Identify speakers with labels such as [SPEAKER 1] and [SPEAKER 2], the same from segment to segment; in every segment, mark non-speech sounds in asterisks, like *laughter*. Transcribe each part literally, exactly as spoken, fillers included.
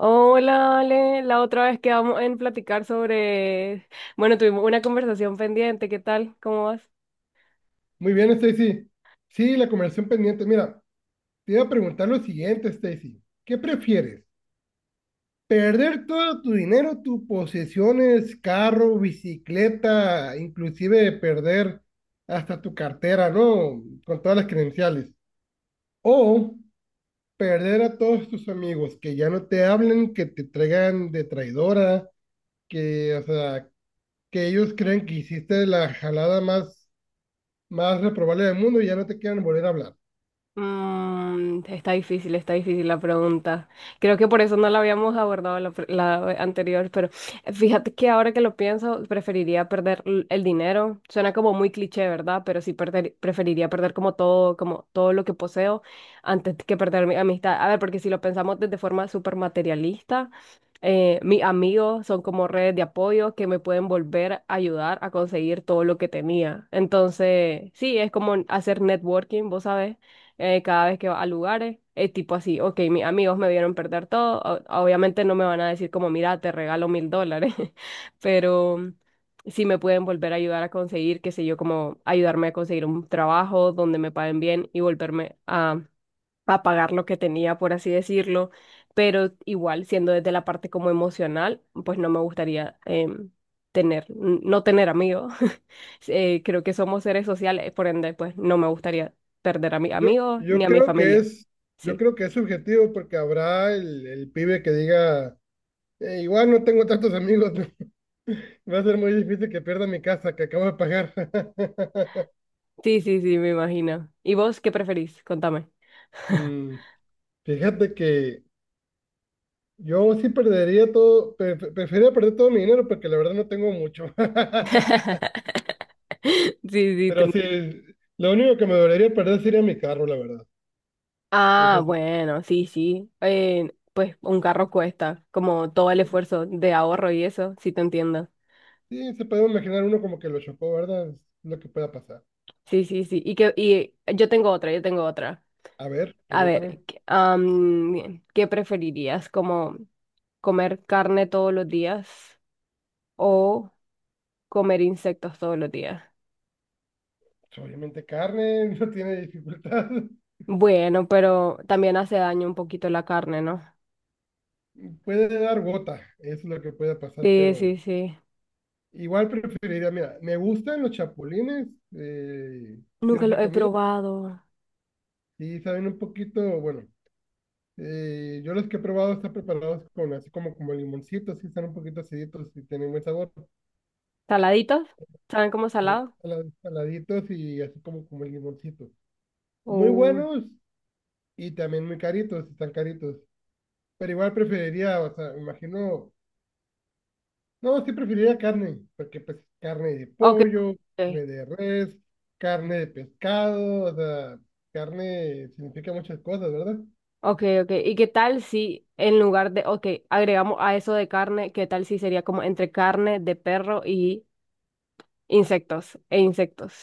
[SPEAKER 1] Oh, hola, Ale. La otra vez quedamos en platicar sobre... Bueno, tuvimos una conversación pendiente. ¿Qué tal? ¿Cómo vas?
[SPEAKER 2] Muy bien, Stacy. Sí, la conversación pendiente. Mira, te iba a preguntar lo siguiente, Stacy. ¿Qué prefieres? ¿Perder todo tu dinero, tus posesiones, carro, bicicleta, inclusive perder hasta tu cartera, ¿no? Con todas las credenciales? O perder a todos tus amigos, que ya no te hablen, que te traigan de traidora, que, o sea, que ellos creen que hiciste la jalada más, más reprobable del mundo y ya no te quieren volver a hablar.
[SPEAKER 1] Mm, está difícil, está difícil la pregunta. Creo que por eso no la habíamos abordado la, pre- la anterior, pero eh, fíjate que ahora que lo pienso, preferiría perder l- el dinero. Suena como muy cliché, ¿verdad? Pero sí perder, preferiría perder como todo, como todo lo que poseo antes que perder mi amistad. A ver, porque si lo pensamos desde forma súper materialista, eh, mis amigos son como redes de apoyo que me pueden volver a ayudar a conseguir todo lo que tenía. Entonces, sí, es como hacer networking, vos sabés eh, cada vez que va a lugares. Es tipo así, ok, mis amigos me vieron perder todo. o- Obviamente no me van a decir como, mira, te regalo mil dólares, *laughs* pero sí me pueden volver a ayudar a conseguir, qué sé yo, como ayudarme a conseguir un trabajo donde me paguen bien y volverme a, a pagar lo que tenía, por así decirlo. Pero igual, siendo desde la parte como emocional, pues no me gustaría em, tener, n- no tener amigos. Eh, creo que somos seres sociales, por ende, pues no me gustaría perder a mis
[SPEAKER 2] Yo,
[SPEAKER 1] amigos ni
[SPEAKER 2] yo
[SPEAKER 1] a mi
[SPEAKER 2] creo que,
[SPEAKER 1] familia.
[SPEAKER 2] es, yo
[SPEAKER 1] Sí,
[SPEAKER 2] creo que es subjetivo, porque habrá el, el pibe que diga: "Eh, igual no tengo tantos amigos, *laughs* va a ser muy difícil que pierda mi casa, que acabo de pagar." *laughs*
[SPEAKER 1] sí, sí, sí, me imagino. ¿Y vos qué preferís? Contame.
[SPEAKER 2] Mm, Fíjate que yo sí perdería todo, pre- pre- preferiría perder todo mi dinero, porque la verdad no tengo mucho. *laughs*
[SPEAKER 1] *laughs* Sí, sí, te
[SPEAKER 2] Pero sí,
[SPEAKER 1] entiendo.
[SPEAKER 2] lo único que me dolería perder sería mi carro, la verdad.
[SPEAKER 1] Ah,
[SPEAKER 2] Eso sí.
[SPEAKER 1] bueno, sí, sí. Eh, pues un carro cuesta como todo el
[SPEAKER 2] Sí,
[SPEAKER 1] esfuerzo de ahorro y eso, sí te entiendo.
[SPEAKER 2] sí se puede imaginar uno como que lo chocó, ¿verdad? Es lo que pueda pasar.
[SPEAKER 1] Sí, sí, sí. Y que y yo tengo otra, yo tengo otra.
[SPEAKER 2] A ver,
[SPEAKER 1] A
[SPEAKER 2] pregúntame.
[SPEAKER 1] ver, ¿qué am, ¿qué preferirías? ¿Como comer carne todos los días o comer insectos todos los días?
[SPEAKER 2] Pues obviamente carne, *laughs* no tiene dificultad.
[SPEAKER 1] Bueno, pero también hace daño un poquito la carne, ¿no?
[SPEAKER 2] *laughs* Puede dar gota, es lo que puede pasar,
[SPEAKER 1] Sí,
[SPEAKER 2] pero
[SPEAKER 1] sí, sí.
[SPEAKER 2] igual preferiría, mira, me gustan los chapulines, eh, si
[SPEAKER 1] Nunca
[SPEAKER 2] los
[SPEAKER 1] lo
[SPEAKER 2] he
[SPEAKER 1] he
[SPEAKER 2] comido,
[SPEAKER 1] probado.
[SPEAKER 2] y saben un poquito, bueno, eh, yo los que he probado están preparados con así como, como limoncitos, sí, están un poquito aciditos y tienen buen sabor,
[SPEAKER 1] ¿Saladitos? ¿Saben cómo
[SPEAKER 2] sal-
[SPEAKER 1] salado?
[SPEAKER 2] sala- saladitos y así como, como limoncitos. Muy
[SPEAKER 1] Uh,
[SPEAKER 2] buenos, y también muy caritos, están caritos. Pero igual preferiría, o sea, me imagino. No, sí preferiría carne, porque pues carne de
[SPEAKER 1] ok,
[SPEAKER 2] pollo,
[SPEAKER 1] ok,
[SPEAKER 2] carne de res, carne de pescado, o sea, carne significa muchas cosas, ¿verdad?
[SPEAKER 1] ok, ok. ¿Y qué tal si en lugar de, ok, agregamos a eso de carne, qué tal si sería como entre carne de perro y insectos, e insectos?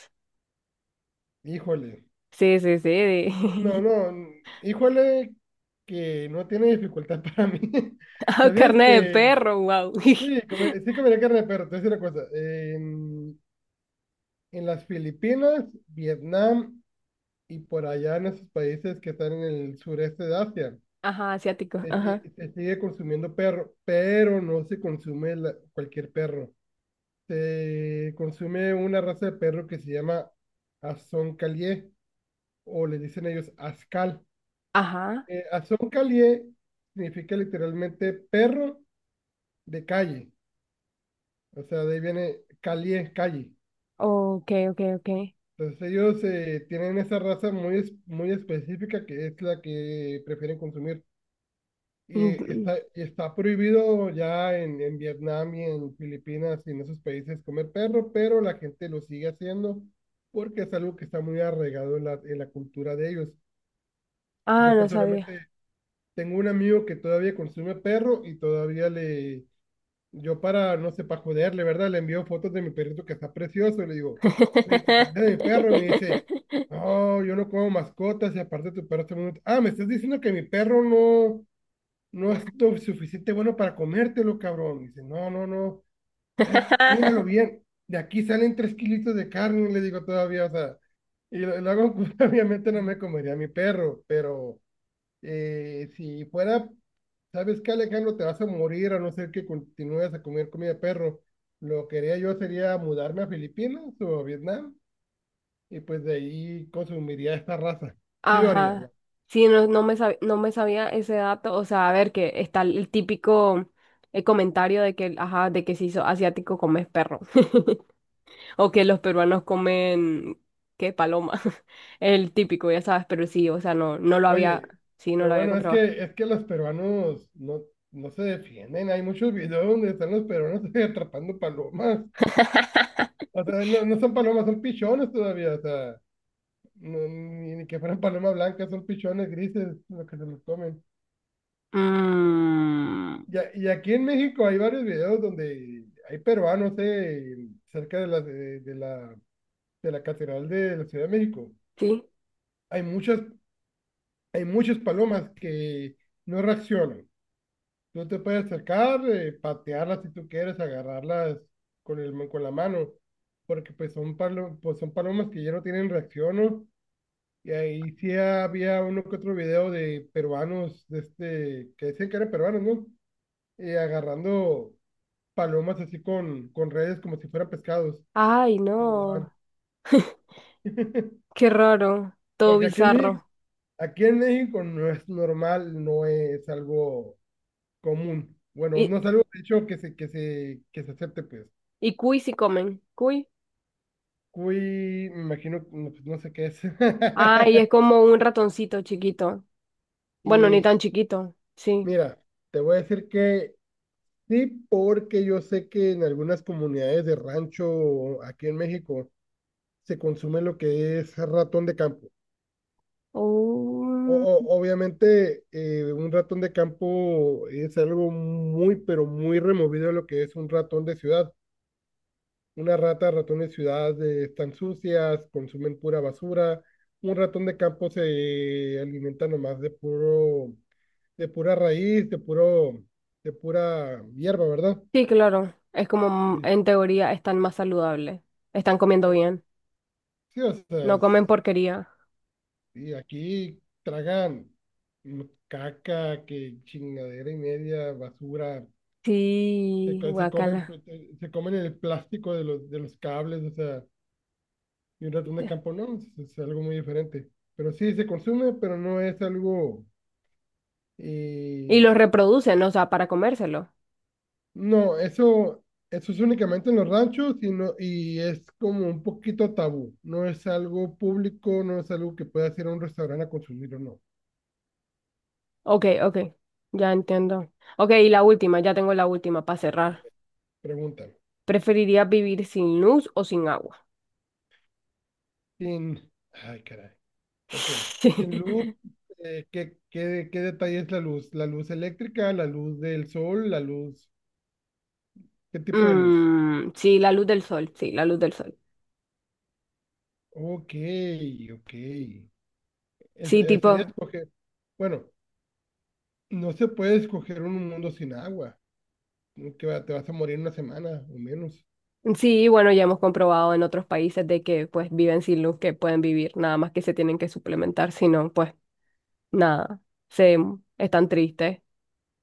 [SPEAKER 2] Híjole,
[SPEAKER 1] Sí, sí, sí. de-
[SPEAKER 2] no,
[SPEAKER 1] *laughs*
[SPEAKER 2] no, n- híjole, que no tiene dificultad *laughs* para mí.
[SPEAKER 1] Ah,
[SPEAKER 2] ¿Sabías
[SPEAKER 1] carne de
[SPEAKER 2] que
[SPEAKER 1] perro, wow.
[SPEAKER 2] sí,
[SPEAKER 1] *laughs*
[SPEAKER 2] come- sí comería carne de perro? Te voy a decir una cosa, en, en las Filipinas, Vietnam y por allá en esos países que están en el sureste de Asia,
[SPEAKER 1] Ajá, asiático,
[SPEAKER 2] Se,
[SPEAKER 1] ajá.
[SPEAKER 2] si- se sigue consumiendo perro, pero no se consume la- cualquier perro. Se consume una raza de perro que se llama Azoncalié, o le dicen ellos Ascal.
[SPEAKER 1] Ajá.
[SPEAKER 2] Eh, Azoncalié significa literalmente perro de calle, o sea, de ahí viene calié, calle.
[SPEAKER 1] Ok, ok, ok.
[SPEAKER 2] Entonces ellos eh, tienen esa raza muy, es- muy específica, que es la que prefieren consumir. Y
[SPEAKER 1] Mm,
[SPEAKER 2] está, está prohibido ya en, en Vietnam y en Filipinas y en esos países comer perro, pero la gente lo sigue haciendo, porque es algo que está muy arraigado en la, en la cultura de ellos.
[SPEAKER 1] ah,
[SPEAKER 2] Yo
[SPEAKER 1] no sabía.
[SPEAKER 2] personalmente tengo un amigo que todavía consume perro, y todavía le, yo, para, no sé, para joderle, ¿verdad? Le envío fotos de mi perrito, que está precioso, y le digo: "Güey, te comiste de mi perro", y me dice:
[SPEAKER 1] *laughs*
[SPEAKER 2] "No, yo no como mascotas, y aparte tu perro está muy..." Ah, me estás diciendo que mi perro no, no es lo suficiente bueno para comértelo, cabrón. Dice: "No, no, no, eh, míralo bien. De aquí salen tres kilitos de carne", le digo todavía, o sea, y lo, lo hago, *laughs* obviamente no me comería a mi perro, pero eh, si fuera, ¿sabes qué, Alejandro? Te vas a morir a no ser que continúes a comer comida de perro. Lo que haría yo sería mudarme a Filipinas o a Vietnam, y pues de ahí consumiría esta raza. Sí lo haría.
[SPEAKER 1] Ajá. Sí, no, no me sab- no me sabía ese dato. O sea, a ver, que está el típico eh, comentario de que, ajá, de que si sos asiático comes perro. *laughs* O que los peruanos comen, ¿qué? Paloma. *laughs* El típico, ya sabes, pero sí, o sea, no, no lo había,
[SPEAKER 2] Oye,
[SPEAKER 1] sí, no
[SPEAKER 2] pero
[SPEAKER 1] lo había
[SPEAKER 2] bueno, es
[SPEAKER 1] comprobado.
[SPEAKER 2] que es que los peruanos no, no se defienden. Hay muchos videos donde están los peruanos *laughs* atrapando palomas.
[SPEAKER 1] *laughs*
[SPEAKER 2] O sea, no, no son palomas, son pichones todavía. O sea, no- ni, ni que fueran palomas blancas, son pichones grises los que se los comen.
[SPEAKER 1] Mm,
[SPEAKER 2] Y, a- y aquí en México hay varios videos donde hay peruanos, eh, cerca de la, de, de la, de la Catedral de la Ciudad de México.
[SPEAKER 1] sí.
[SPEAKER 2] Hay muchas, hay muchas palomas que no reaccionan. Tú te puedes acercar, eh, patearlas si tú quieres, agarrarlas con el, con la mano, porque pues son, palo- pues son palomas que ya no tienen reacción, ¿no? Y ahí sí había uno que otro video de peruanos, de este, que decían que eran peruanos, ¿no? Eh, agarrando palomas así con, con redes como si fueran pescados,
[SPEAKER 1] Ay,
[SPEAKER 2] lo
[SPEAKER 1] no.
[SPEAKER 2] llevan.
[SPEAKER 1] Qué raro. Todo
[SPEAKER 2] Porque aquí en México,
[SPEAKER 1] bizarro.
[SPEAKER 2] aquí en México no es normal, no es algo común. Bueno,
[SPEAKER 1] Y,
[SPEAKER 2] no es algo, de hecho, que se, que se, que se acepte, pues.
[SPEAKER 1] y cuy si comen. Cuy.
[SPEAKER 2] Cuy, me imagino, no, pues, no sé qué es.
[SPEAKER 1] Ay, es
[SPEAKER 2] *laughs*
[SPEAKER 1] como un ratoncito chiquito. Bueno, ni
[SPEAKER 2] Y
[SPEAKER 1] tan chiquito. Sí.
[SPEAKER 2] mira, te voy a decir que sí, porque yo sé que en algunas comunidades de rancho aquí en México se consume lo que es ratón de campo. O,
[SPEAKER 1] Oh,
[SPEAKER 2] o- obviamente, eh, un ratón de campo es algo muy, pero muy removido de lo que es un ratón de ciudad. Una rata, ratón de ciudad, eh, están sucias, consumen pura basura. Un ratón de campo se alimenta nomás de puro, de pura raíz, de puro, de pura hierba, ¿verdad?
[SPEAKER 1] sí, claro. Es como, mm, en teoría, están más saludables. Están comiendo
[SPEAKER 2] Este,
[SPEAKER 1] bien.
[SPEAKER 2] sí, o sea,
[SPEAKER 1] No comen
[SPEAKER 2] es-
[SPEAKER 1] porquería.
[SPEAKER 2] y aquí tragan mm, caca, que chingadera y media, basura, se,
[SPEAKER 1] Sí,
[SPEAKER 2] co- se comen,
[SPEAKER 1] guacala.
[SPEAKER 2] pl- eh, se comen el plástico de los, de los cables, o sea, y un ratón de campo, no, es, es algo muy diferente. Pero sí se consume, pero no es algo,
[SPEAKER 1] Y
[SPEAKER 2] eh...
[SPEAKER 1] los reproducen, o sea, para comérselo.
[SPEAKER 2] No, eso, eso es únicamente en los ranchos, y no, y es como un poquito tabú. No es algo público, no es algo que puedas ir a un restaurante a consumir o no.
[SPEAKER 1] Ok, ok. Ya entiendo. Ok, y la última, ya tengo la última para
[SPEAKER 2] A
[SPEAKER 1] cerrar.
[SPEAKER 2] ver, pregúntame.
[SPEAKER 1] ¿Preferirías vivir sin luz o sin agua?
[SPEAKER 2] Sin, ay, caray. Ok. Sin luz,
[SPEAKER 1] *laughs*
[SPEAKER 2] eh, ¿qué, qué, qué detalle es la luz? ¿La luz eléctrica, la luz del sol, la luz? ¿Qué tipo de luz?
[SPEAKER 1] Mm, sí, la luz del sol, sí, la luz del sol.
[SPEAKER 2] Ok, ok. Es-
[SPEAKER 1] Sí,
[SPEAKER 2] eh, sería
[SPEAKER 1] tipo,
[SPEAKER 2] escoger. Bueno, no se puede escoger un mundo sin agua, ¿no? Que va- te vas a morir en una semana o menos.
[SPEAKER 1] sí, bueno, ya hemos comprobado en otros países de que pues viven sin luz, que pueden vivir, nada más que se tienen que suplementar, si no, pues nada, se mm, están tristes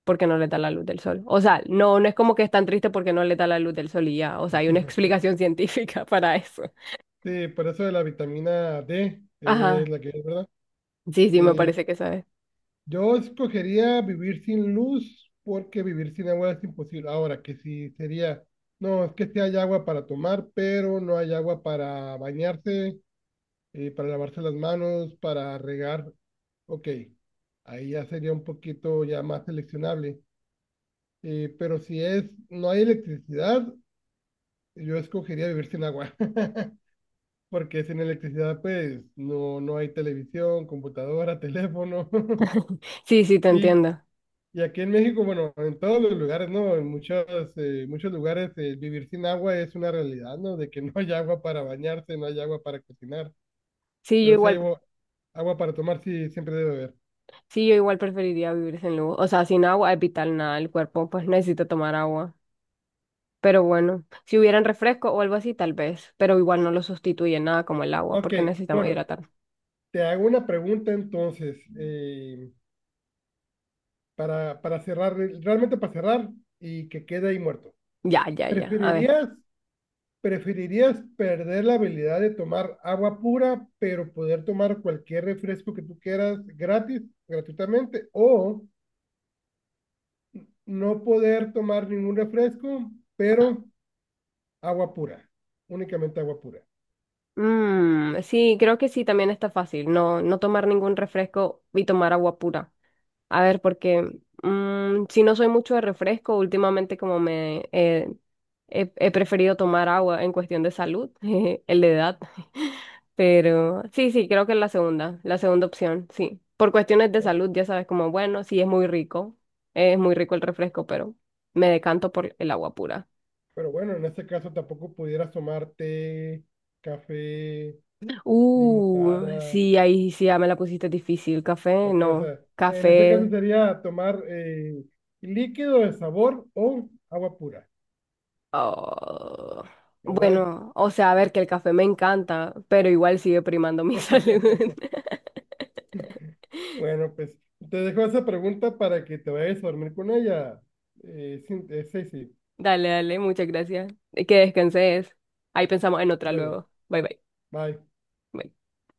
[SPEAKER 1] porque no les da la luz del sol. O sea, no, no es como que están tristes porque no les da la luz del sol y ya, o sea, hay una explicación científica *laughs* para eso.
[SPEAKER 2] Sí, por eso de la vitamina D, eh, es
[SPEAKER 1] Ajá,
[SPEAKER 2] la que es, ¿verdad?
[SPEAKER 1] sí, sí, me
[SPEAKER 2] Eh,
[SPEAKER 1] parece que sabes.
[SPEAKER 2] yo escogería vivir sin luz, porque vivir sin agua es imposible. Ahora, que si sería, no, es que sí hay agua para tomar, pero no hay agua para bañarse, eh, para lavarse las manos, para regar. Ok, ahí ya sería un poquito ya más seleccionable. Eh, pero si es, no hay electricidad, yo escogería vivir sin agua, *laughs* porque sin electricidad pues no, no hay televisión, computadora, *laughs* teléfono. *laughs*
[SPEAKER 1] Sí, sí, te
[SPEAKER 2] Y,
[SPEAKER 1] entiendo.
[SPEAKER 2] y aquí en México, bueno, en todos los lugares, ¿no? En muchos, eh, muchos lugares, eh, vivir sin agua es una realidad, ¿no? De que *laughs* no hay agua para bañarse, no hay agua para cocinar,
[SPEAKER 1] Sí, yo
[SPEAKER 2] pero sí hay
[SPEAKER 1] igual,
[SPEAKER 2] agua, agua para tomar, sí, siempre debe haber.
[SPEAKER 1] sí, yo igual preferiría vivir sin luz. O sea, sin agua es vital nada, el cuerpo pues necesita tomar agua. Pero bueno, si hubieran refresco o algo así, tal vez, pero igual no lo sustituye nada como el agua,
[SPEAKER 2] Ok,
[SPEAKER 1] porque necesitamos
[SPEAKER 2] bueno,
[SPEAKER 1] hidratar.
[SPEAKER 2] te hago una pregunta entonces, eh, para, para cerrar, realmente para cerrar y que quede ahí muerto.
[SPEAKER 1] Ya, ya, ya. A ver.
[SPEAKER 2] ¿Preferirías... ¿Preferirías perder la habilidad de tomar agua pura, pero poder tomar cualquier refresco que tú quieras gratis, gratuitamente, o no poder tomar ningún refresco, pero agua pura, únicamente agua pura?
[SPEAKER 1] Mm, sí, creo que sí, también está fácil. No, no tomar ningún refresco y tomar agua pura. A ver, porque mm, si no soy mucho de refresco, últimamente como me eh, he, he preferido tomar agua en cuestión de salud, *laughs* el de edad. *laughs* Pero sí, sí, creo que es la segunda, la segunda opción, sí. Por cuestiones de
[SPEAKER 2] ¿No?
[SPEAKER 1] salud, ya sabes, como bueno, sí es muy rico, es muy rico el refresco, pero me decanto por el agua pura.
[SPEAKER 2] Pero bueno, en este caso tampoco pudieras tomar té, café,
[SPEAKER 1] Uh,
[SPEAKER 2] limonada,
[SPEAKER 1] sí, ahí sí ya me la pusiste difícil. Café,
[SPEAKER 2] o qué, o
[SPEAKER 1] no.
[SPEAKER 2] sea, en este caso
[SPEAKER 1] Café.
[SPEAKER 2] sería tomar, eh, líquido de sabor o agua pura,
[SPEAKER 1] Oh,
[SPEAKER 2] ¿verdad?
[SPEAKER 1] bueno, o sea, a ver que el café me encanta, pero igual sigue primando mi *laughs* salud.
[SPEAKER 2] *laughs* Bueno, pues te dejo esa pregunta para que te vayas a dormir con ella. Eh, sí, eh, sí, sí.
[SPEAKER 1] Dale, dale, muchas gracias. Y que descanses. Ahí pensamos en otra
[SPEAKER 2] Ándale.
[SPEAKER 1] luego. Bye, bye.
[SPEAKER 2] Bye.
[SPEAKER 1] Bye.